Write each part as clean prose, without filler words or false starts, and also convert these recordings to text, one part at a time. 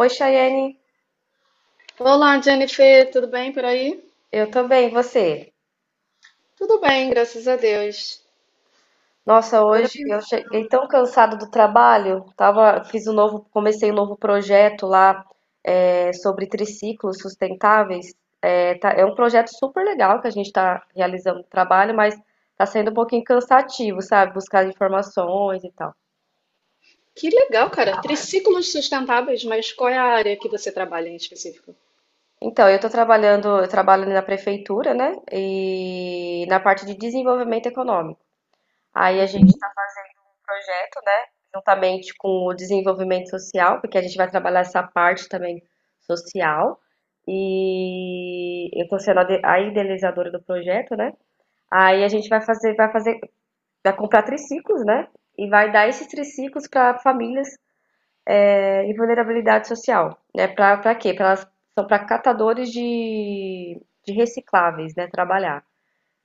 Oi, Chayane. Olá, Jennifer, tudo bem por aí? Eu também, você? Tudo bem, graças a Deus. Nossa, Agora hoje eu pensa. cheguei tão cansada do trabalho. Tava, fiz um novo, comecei um novo projeto lá sobre triciclos sustentáveis. É um projeto super legal que a gente está realizando o trabalho, mas está sendo um pouquinho cansativo, sabe? Buscar informações e tal. Que legal, cara. Triciclos sustentáveis, mas qual é a área que você trabalha em específico? Então, eu estou trabalhando, eu trabalho na prefeitura, né? E na parte de desenvolvimento econômico. Aí a gente Uhum. projeto, né? Juntamente com o desenvolvimento social, porque a gente vai trabalhar essa parte também social. E eu estou sendo a idealizadora do projeto, né? Aí a gente vai fazer, vai comprar triciclos, né? E vai dar esses triciclos para famílias em vulnerabilidade social, né? Para quê? Pra elas, são para catadores de recicláveis, né? Trabalhar.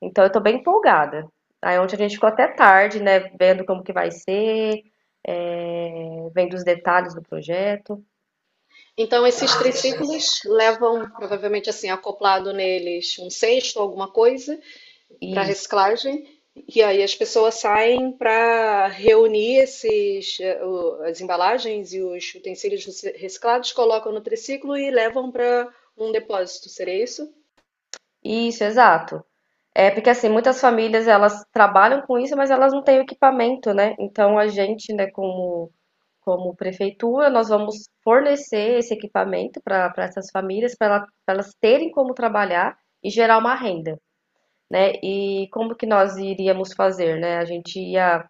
Então eu tô bem empolgada. Aí ontem a gente ficou até tarde, né, vendo como que vai ser, vendo os detalhes do projeto. Então, esses triciclos levam, provavelmente assim, acoplado neles um cesto, alguma coisa, para Isso, reciclagem. E aí as pessoas saem para reunir esses, as embalagens e os utensílios reciclados, colocam no triciclo e levam para um depósito. Seria isso? isso, exato. É porque assim, muitas famílias elas trabalham com isso, mas elas não têm o equipamento, né? Então a gente, né, como prefeitura, nós vamos fornecer esse equipamento para essas famílias, para elas terem como trabalhar e gerar uma renda, né? E como que nós iríamos fazer, né? A gente ia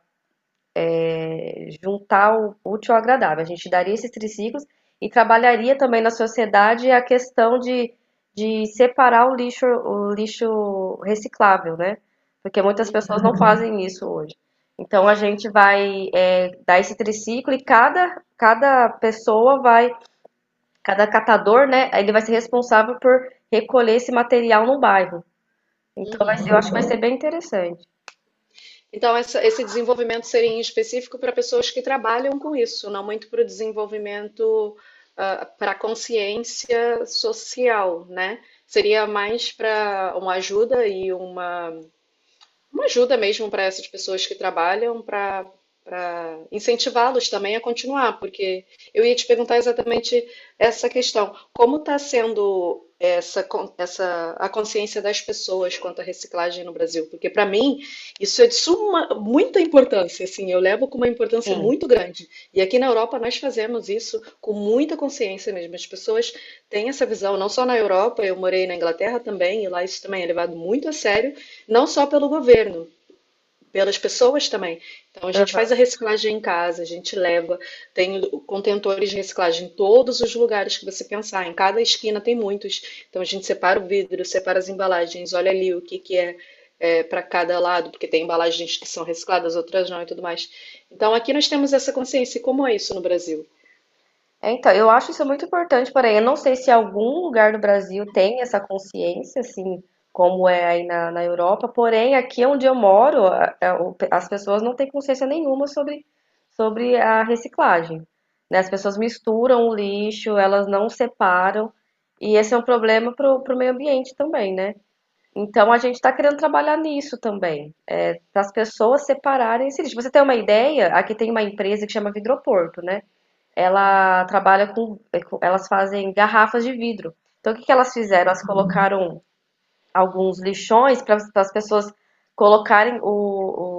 juntar o útil ao agradável. A gente daria esses triciclos e trabalharia também na sociedade a questão de separar o lixo reciclável, né? Porque muitas pessoas não fazem isso hoje. Então a gente vai dar esse triciclo e cada pessoa vai, cada catador, né? Ele vai ser responsável por recolher esse material no bairro. Então vai ser- eu Uhum. acho que vai ser bem interessante. Então, esse desenvolvimento seria em específico para pessoas que trabalham com isso, não muito para o desenvolvimento, ah, para a consciência social, né? Seria mais para uma ajuda e uma ajuda mesmo para essas pessoas que trabalham, para incentivá-los também a continuar, porque eu ia te perguntar exatamente essa questão. Como está sendo essa, essa a consciência das pessoas quanto à reciclagem no Brasil? Porque para mim isso é de suma, muita importância, assim, eu levo com uma importância Sim. muito grande. E aqui na Europa nós fazemos isso com muita consciência mesmo. As pessoas têm essa visão, não só na Europa, eu morei na Inglaterra também, e lá isso também é levado muito a sério. Não só pelo governo, pelas pessoas também. Então a gente faz a reciclagem em casa, a gente leva, tem contentores de reciclagem em todos os lugares que você pensar, em cada esquina tem muitos. Então a gente separa o vidro, separa as embalagens, olha ali o que que é, é, para cada lado, porque tem embalagens que são recicladas, outras não e tudo mais. Então aqui nós temos essa consciência. E como é isso no Brasil? É, então, eu acho isso muito importante, porém, eu não sei se algum lugar do Brasil tem essa consciência, assim, como é aí na, na Europa, porém, aqui onde eu moro, as pessoas não têm consciência nenhuma sobre, sobre a reciclagem, né? As pessoas misturam o lixo, elas não separam, e esse é um problema para o meio ambiente também, né? Então, a gente está querendo trabalhar nisso também, para as pessoas separarem esse lixo. Pra Você tem uma ideia? Aqui tem uma empresa que chama Vidroporto, né? Ela trabalha com, elas fazem garrafas de vidro. Então, o que que elas fizeram? Elas Uhum. colocaram alguns lixões para as pessoas colocarem o,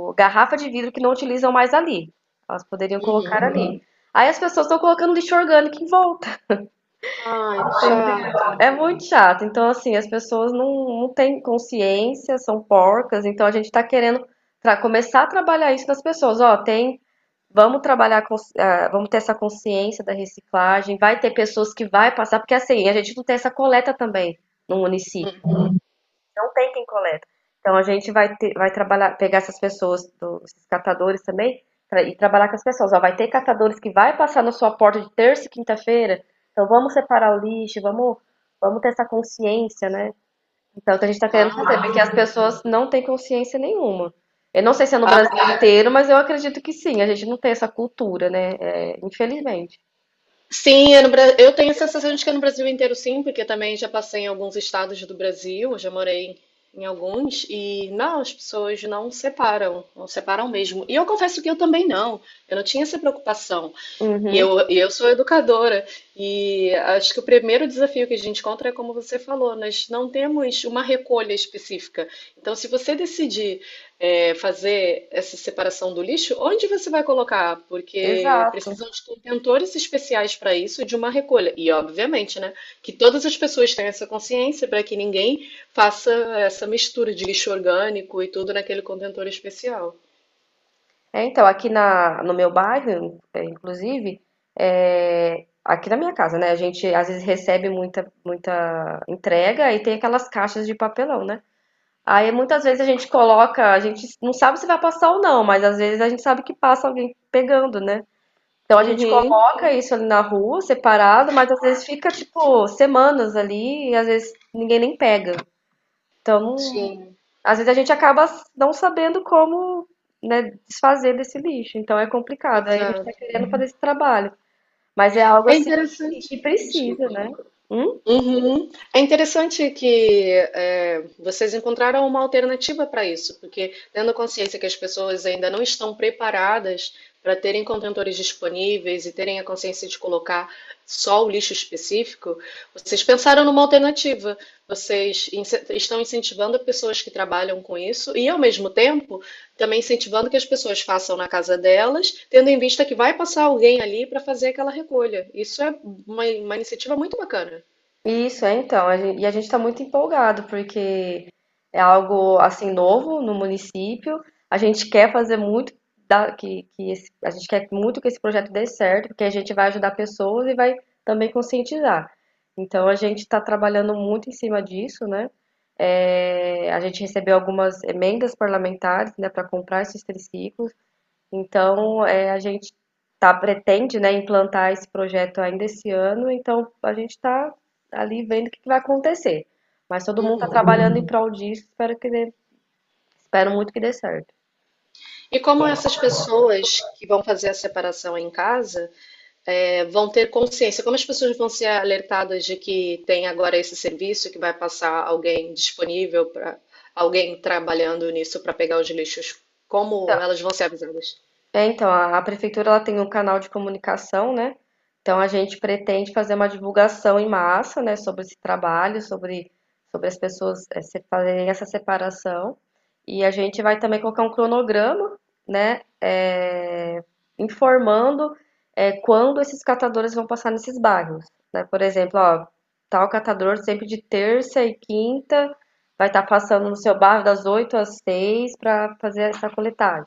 o- garrafa de vidro que não utilizam mais ali. Elas poderiam colocar Uhum. uhum. ali. Aí as pessoas estão colocando lixo orgânico em volta. Ai, que Entendeu? chato. É muito chato. Então, assim, as pessoas não têm consciência, são porcas. Então, a gente está querendo começar a trabalhar isso nas pessoas. Ó, tem. Vamos trabalhar, com, vamos ter essa consciência da reciclagem. Vai ter pessoas que vai passar, porque assim, a gente não tem essa coleta também no município. Não tem quem coleta. Então a gente vai trabalhar, pegar essas pessoas, esses catadores também, e trabalhar com as pessoas. Ó, vai ter catadores que vai passar na sua porta de terça e quinta-feira. Então vamos separar o lixo, vamos, vamos ter essa consciência, né? Então, o que a gente está querendo fazer, porque as pessoas não têm consciência nenhuma. Eu não sei se é no Ah, Brasil inteiro, mas eu acredito que sim. A gente não tem essa cultura, né? É, infelizmente. sim, é no eu tenho a sensação de que é no Brasil inteiro, sim, porque também já passei em alguns estados do Brasil, eu já morei em alguns, e não, as pessoas não separam, não separam mesmo. E eu confesso que eu também não, eu não tinha essa preocupação. E Uhum, eu, e eu sou educadora, e acho que o primeiro desafio que a gente encontra é como você falou, nós não temos uma recolha específica. Então, se você decidir fazer essa separação do lixo, onde você vai colocar? Porque exato. precisam de contentores especiais para isso e de uma recolha. E, obviamente, né, que todas as pessoas tenham essa consciência para que ninguém faça essa mistura de lixo orgânico e tudo naquele contentor especial. É, então, aqui na, no meu bairro, é, inclusive, é, aqui na minha casa, né? A gente às vezes recebe muita entrega e tem aquelas caixas de papelão, né? Aí muitas vezes a gente coloca, a gente não sabe se vai passar ou não, mas às vezes a gente sabe que passa alguém pegando, né? Então a gente Uhum, coloca isso ali na rua, separado, mas às vezes fica tipo semanas ali e às vezes ninguém nem pega. Então sim. às vezes a gente acaba não sabendo como, né, desfazer desse lixo, então é complicado. Aí a gente está querendo fazer esse trabalho, mas é algo É assim interessante. que precisa, Desculpa. né? Hum? Uhum. É interessante que vocês encontraram uma alternativa para isso, porque tendo consciência que as pessoas ainda não estão preparadas para terem contentores disponíveis e terem a consciência de colocar só o lixo específico, vocês pensaram numa alternativa. Estão incentivando pessoas que trabalham com isso e, ao mesmo tempo, também incentivando que as pessoas façam na casa delas, tendo em vista que vai passar alguém ali para fazer aquela recolha. Isso é uma iniciativa muito bacana. Isso, é então. E a gente está muito empolgado, porque é algo assim novo no município. A gente quer fazer muito a gente quer muito que esse projeto dê certo, porque a gente vai ajudar pessoas e vai também conscientizar. Então a gente está trabalhando muito em cima disso, né? É, a gente recebeu algumas emendas parlamentares, né, para comprar esses triciclos. Então, a gente tá pretende, né, implantar esse projeto ainda esse ano, então a gente está ali vendo o que que vai acontecer. Mas todo mundo está Uhum. trabalhando em prol disso, espero que dê, espero muito que dê certo. E como essas pessoas que vão fazer a separação em casa, vão ter consciência? Como as pessoas vão ser alertadas de que tem agora esse serviço que vai passar alguém disponível para alguém trabalhando nisso para pegar os lixos? Como elas vão ser avisadas? É, então, a prefeitura ela tem um canal de comunicação, né? Então a gente pretende fazer uma divulgação em massa, né, sobre esse trabalho, sobre, sobre as pessoas fazerem essa separação. E a gente vai também colocar um cronograma, né, informando quando esses catadores vão passar nesses bairros. Né? Por exemplo, ó, tal catador sempre de terça e quinta vai estar passando no seu bairro das 8 às 6 para fazer essa coletagem.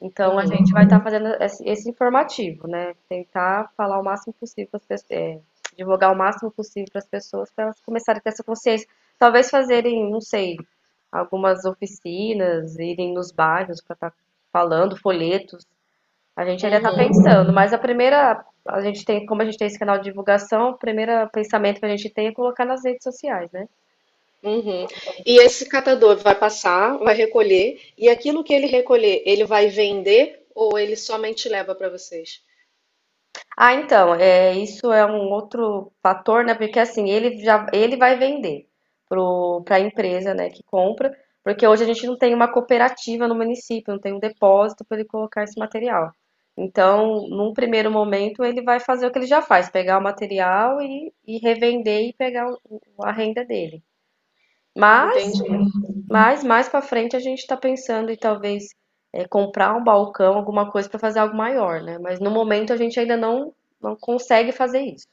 Então, a Uhum, gente vai estar fazendo esse informativo, né? Tentar falar o máximo possível para as pessoas, é, divulgar o máximo possível para as pessoas, para elas começarem a ter essa consciência. Talvez fazerem, não sei, algumas oficinas, irem nos bairros para estar falando, folhetos. A gente ainda está uhum, pensando, mas a primeira, a gente tem, como a gente tem esse canal de divulgação, o primeiro pensamento que a gente tem é colocar nas redes sociais, né? uhum. E esse catador vai passar, vai recolher, e aquilo que ele recolher, ele vai vender ou ele somente leva para vocês? Ah, então, é, isso é um outro fator, né? Porque assim, ele vai vender para a empresa, né, que compra, porque hoje a gente não tem uma cooperativa no município, não tem um depósito para ele colocar esse material. Então, num primeiro momento, ele vai fazer o que ele já faz, pegar o material e revender e pegar a renda dele. Mas Entendi. Mais para frente a gente está pensando em talvez comprar um balcão, alguma coisa para fazer algo maior, né? Mas no momento a gente ainda não, não consegue fazer isso.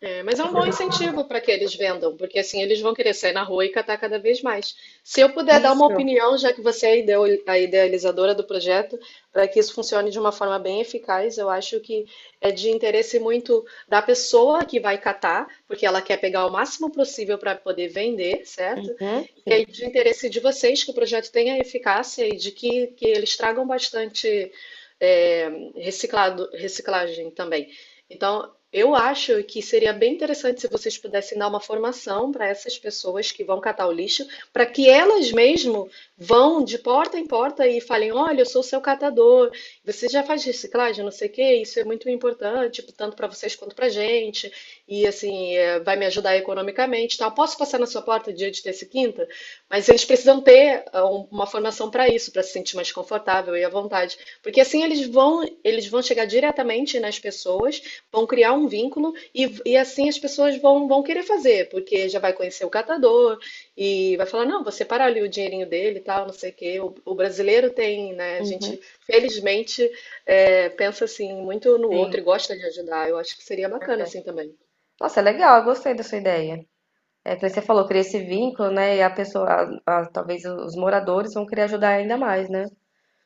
É, mas é um bom incentivo para que eles vendam, porque assim eles vão querer sair na rua e catar cada vez mais. Se eu puder dar uma Isso. opinião, já que você é a a idealizadora do projeto, para que isso funcione de uma forma bem eficaz, eu acho que é de interesse muito da pessoa que vai catar, porque ela quer pegar o máximo possível para poder vender, certo? Uhum, E sim. é de interesse de vocês que o projeto tenha eficácia e de que eles tragam bastante é, reciclado, reciclagem também. Então, eu acho que seria bem interessante se vocês pudessem dar uma formação para essas pessoas que vão catar o lixo, para que elas mesmo vão de porta em porta e falem: olha, eu sou seu catador, você já faz reciclagem, não sei o quê, isso é muito importante, tanto para vocês quanto para a gente, e assim, é, vai me ajudar economicamente, e tal. Posso passar na sua porta dia de terça e quinta? Mas eles precisam ter ah, uma formação para isso, para se sentir mais confortável e à vontade, porque assim eles vão chegar diretamente nas pessoas, vão criar um vínculo e assim as pessoas vão querer fazer, porque já vai conhecer o catador e vai falar, não, vou separar ali o dinheirinho dele e tal, não sei o quê. O brasileiro tem, né? A Uhum, gente, felizmente, é, pensa assim muito no sim. outro e gosta de ajudar. Eu acho que seria bacana Verdade. assim também. Nossa, é legal, eu gostei da sua ideia. É que você falou, cria esse vínculo, né? E a pessoa, talvez os moradores vão querer ajudar ainda mais, né?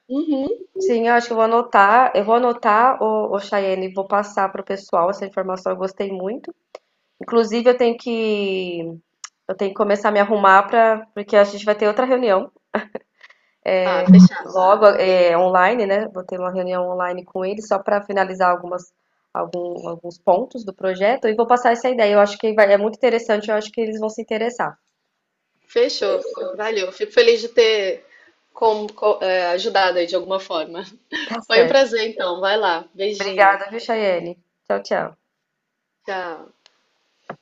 Uhum. Sim, eu acho que eu vou anotar o Chayenne, vou passar para o pessoal essa informação, eu gostei muito. Inclusive, eu tenho que Eu tenho que começar a me arrumar para, porque a gente vai ter outra reunião Ah, fechado. logo, é, online, né? Vou ter uma reunião online com ele só para finalizar algumas, um, alguns pontos do projeto e vou passar essa ideia. Eu acho que vai, é muito interessante, eu acho que eles vão se interessar. Fechou. Valeu. Fico feliz de ter é, ajudado aí de alguma forma. Tá Foi um certo. prazer, então. Vai lá. Beijinho. Obrigada, viu, Chayane? Tchau, tchau. Tchau.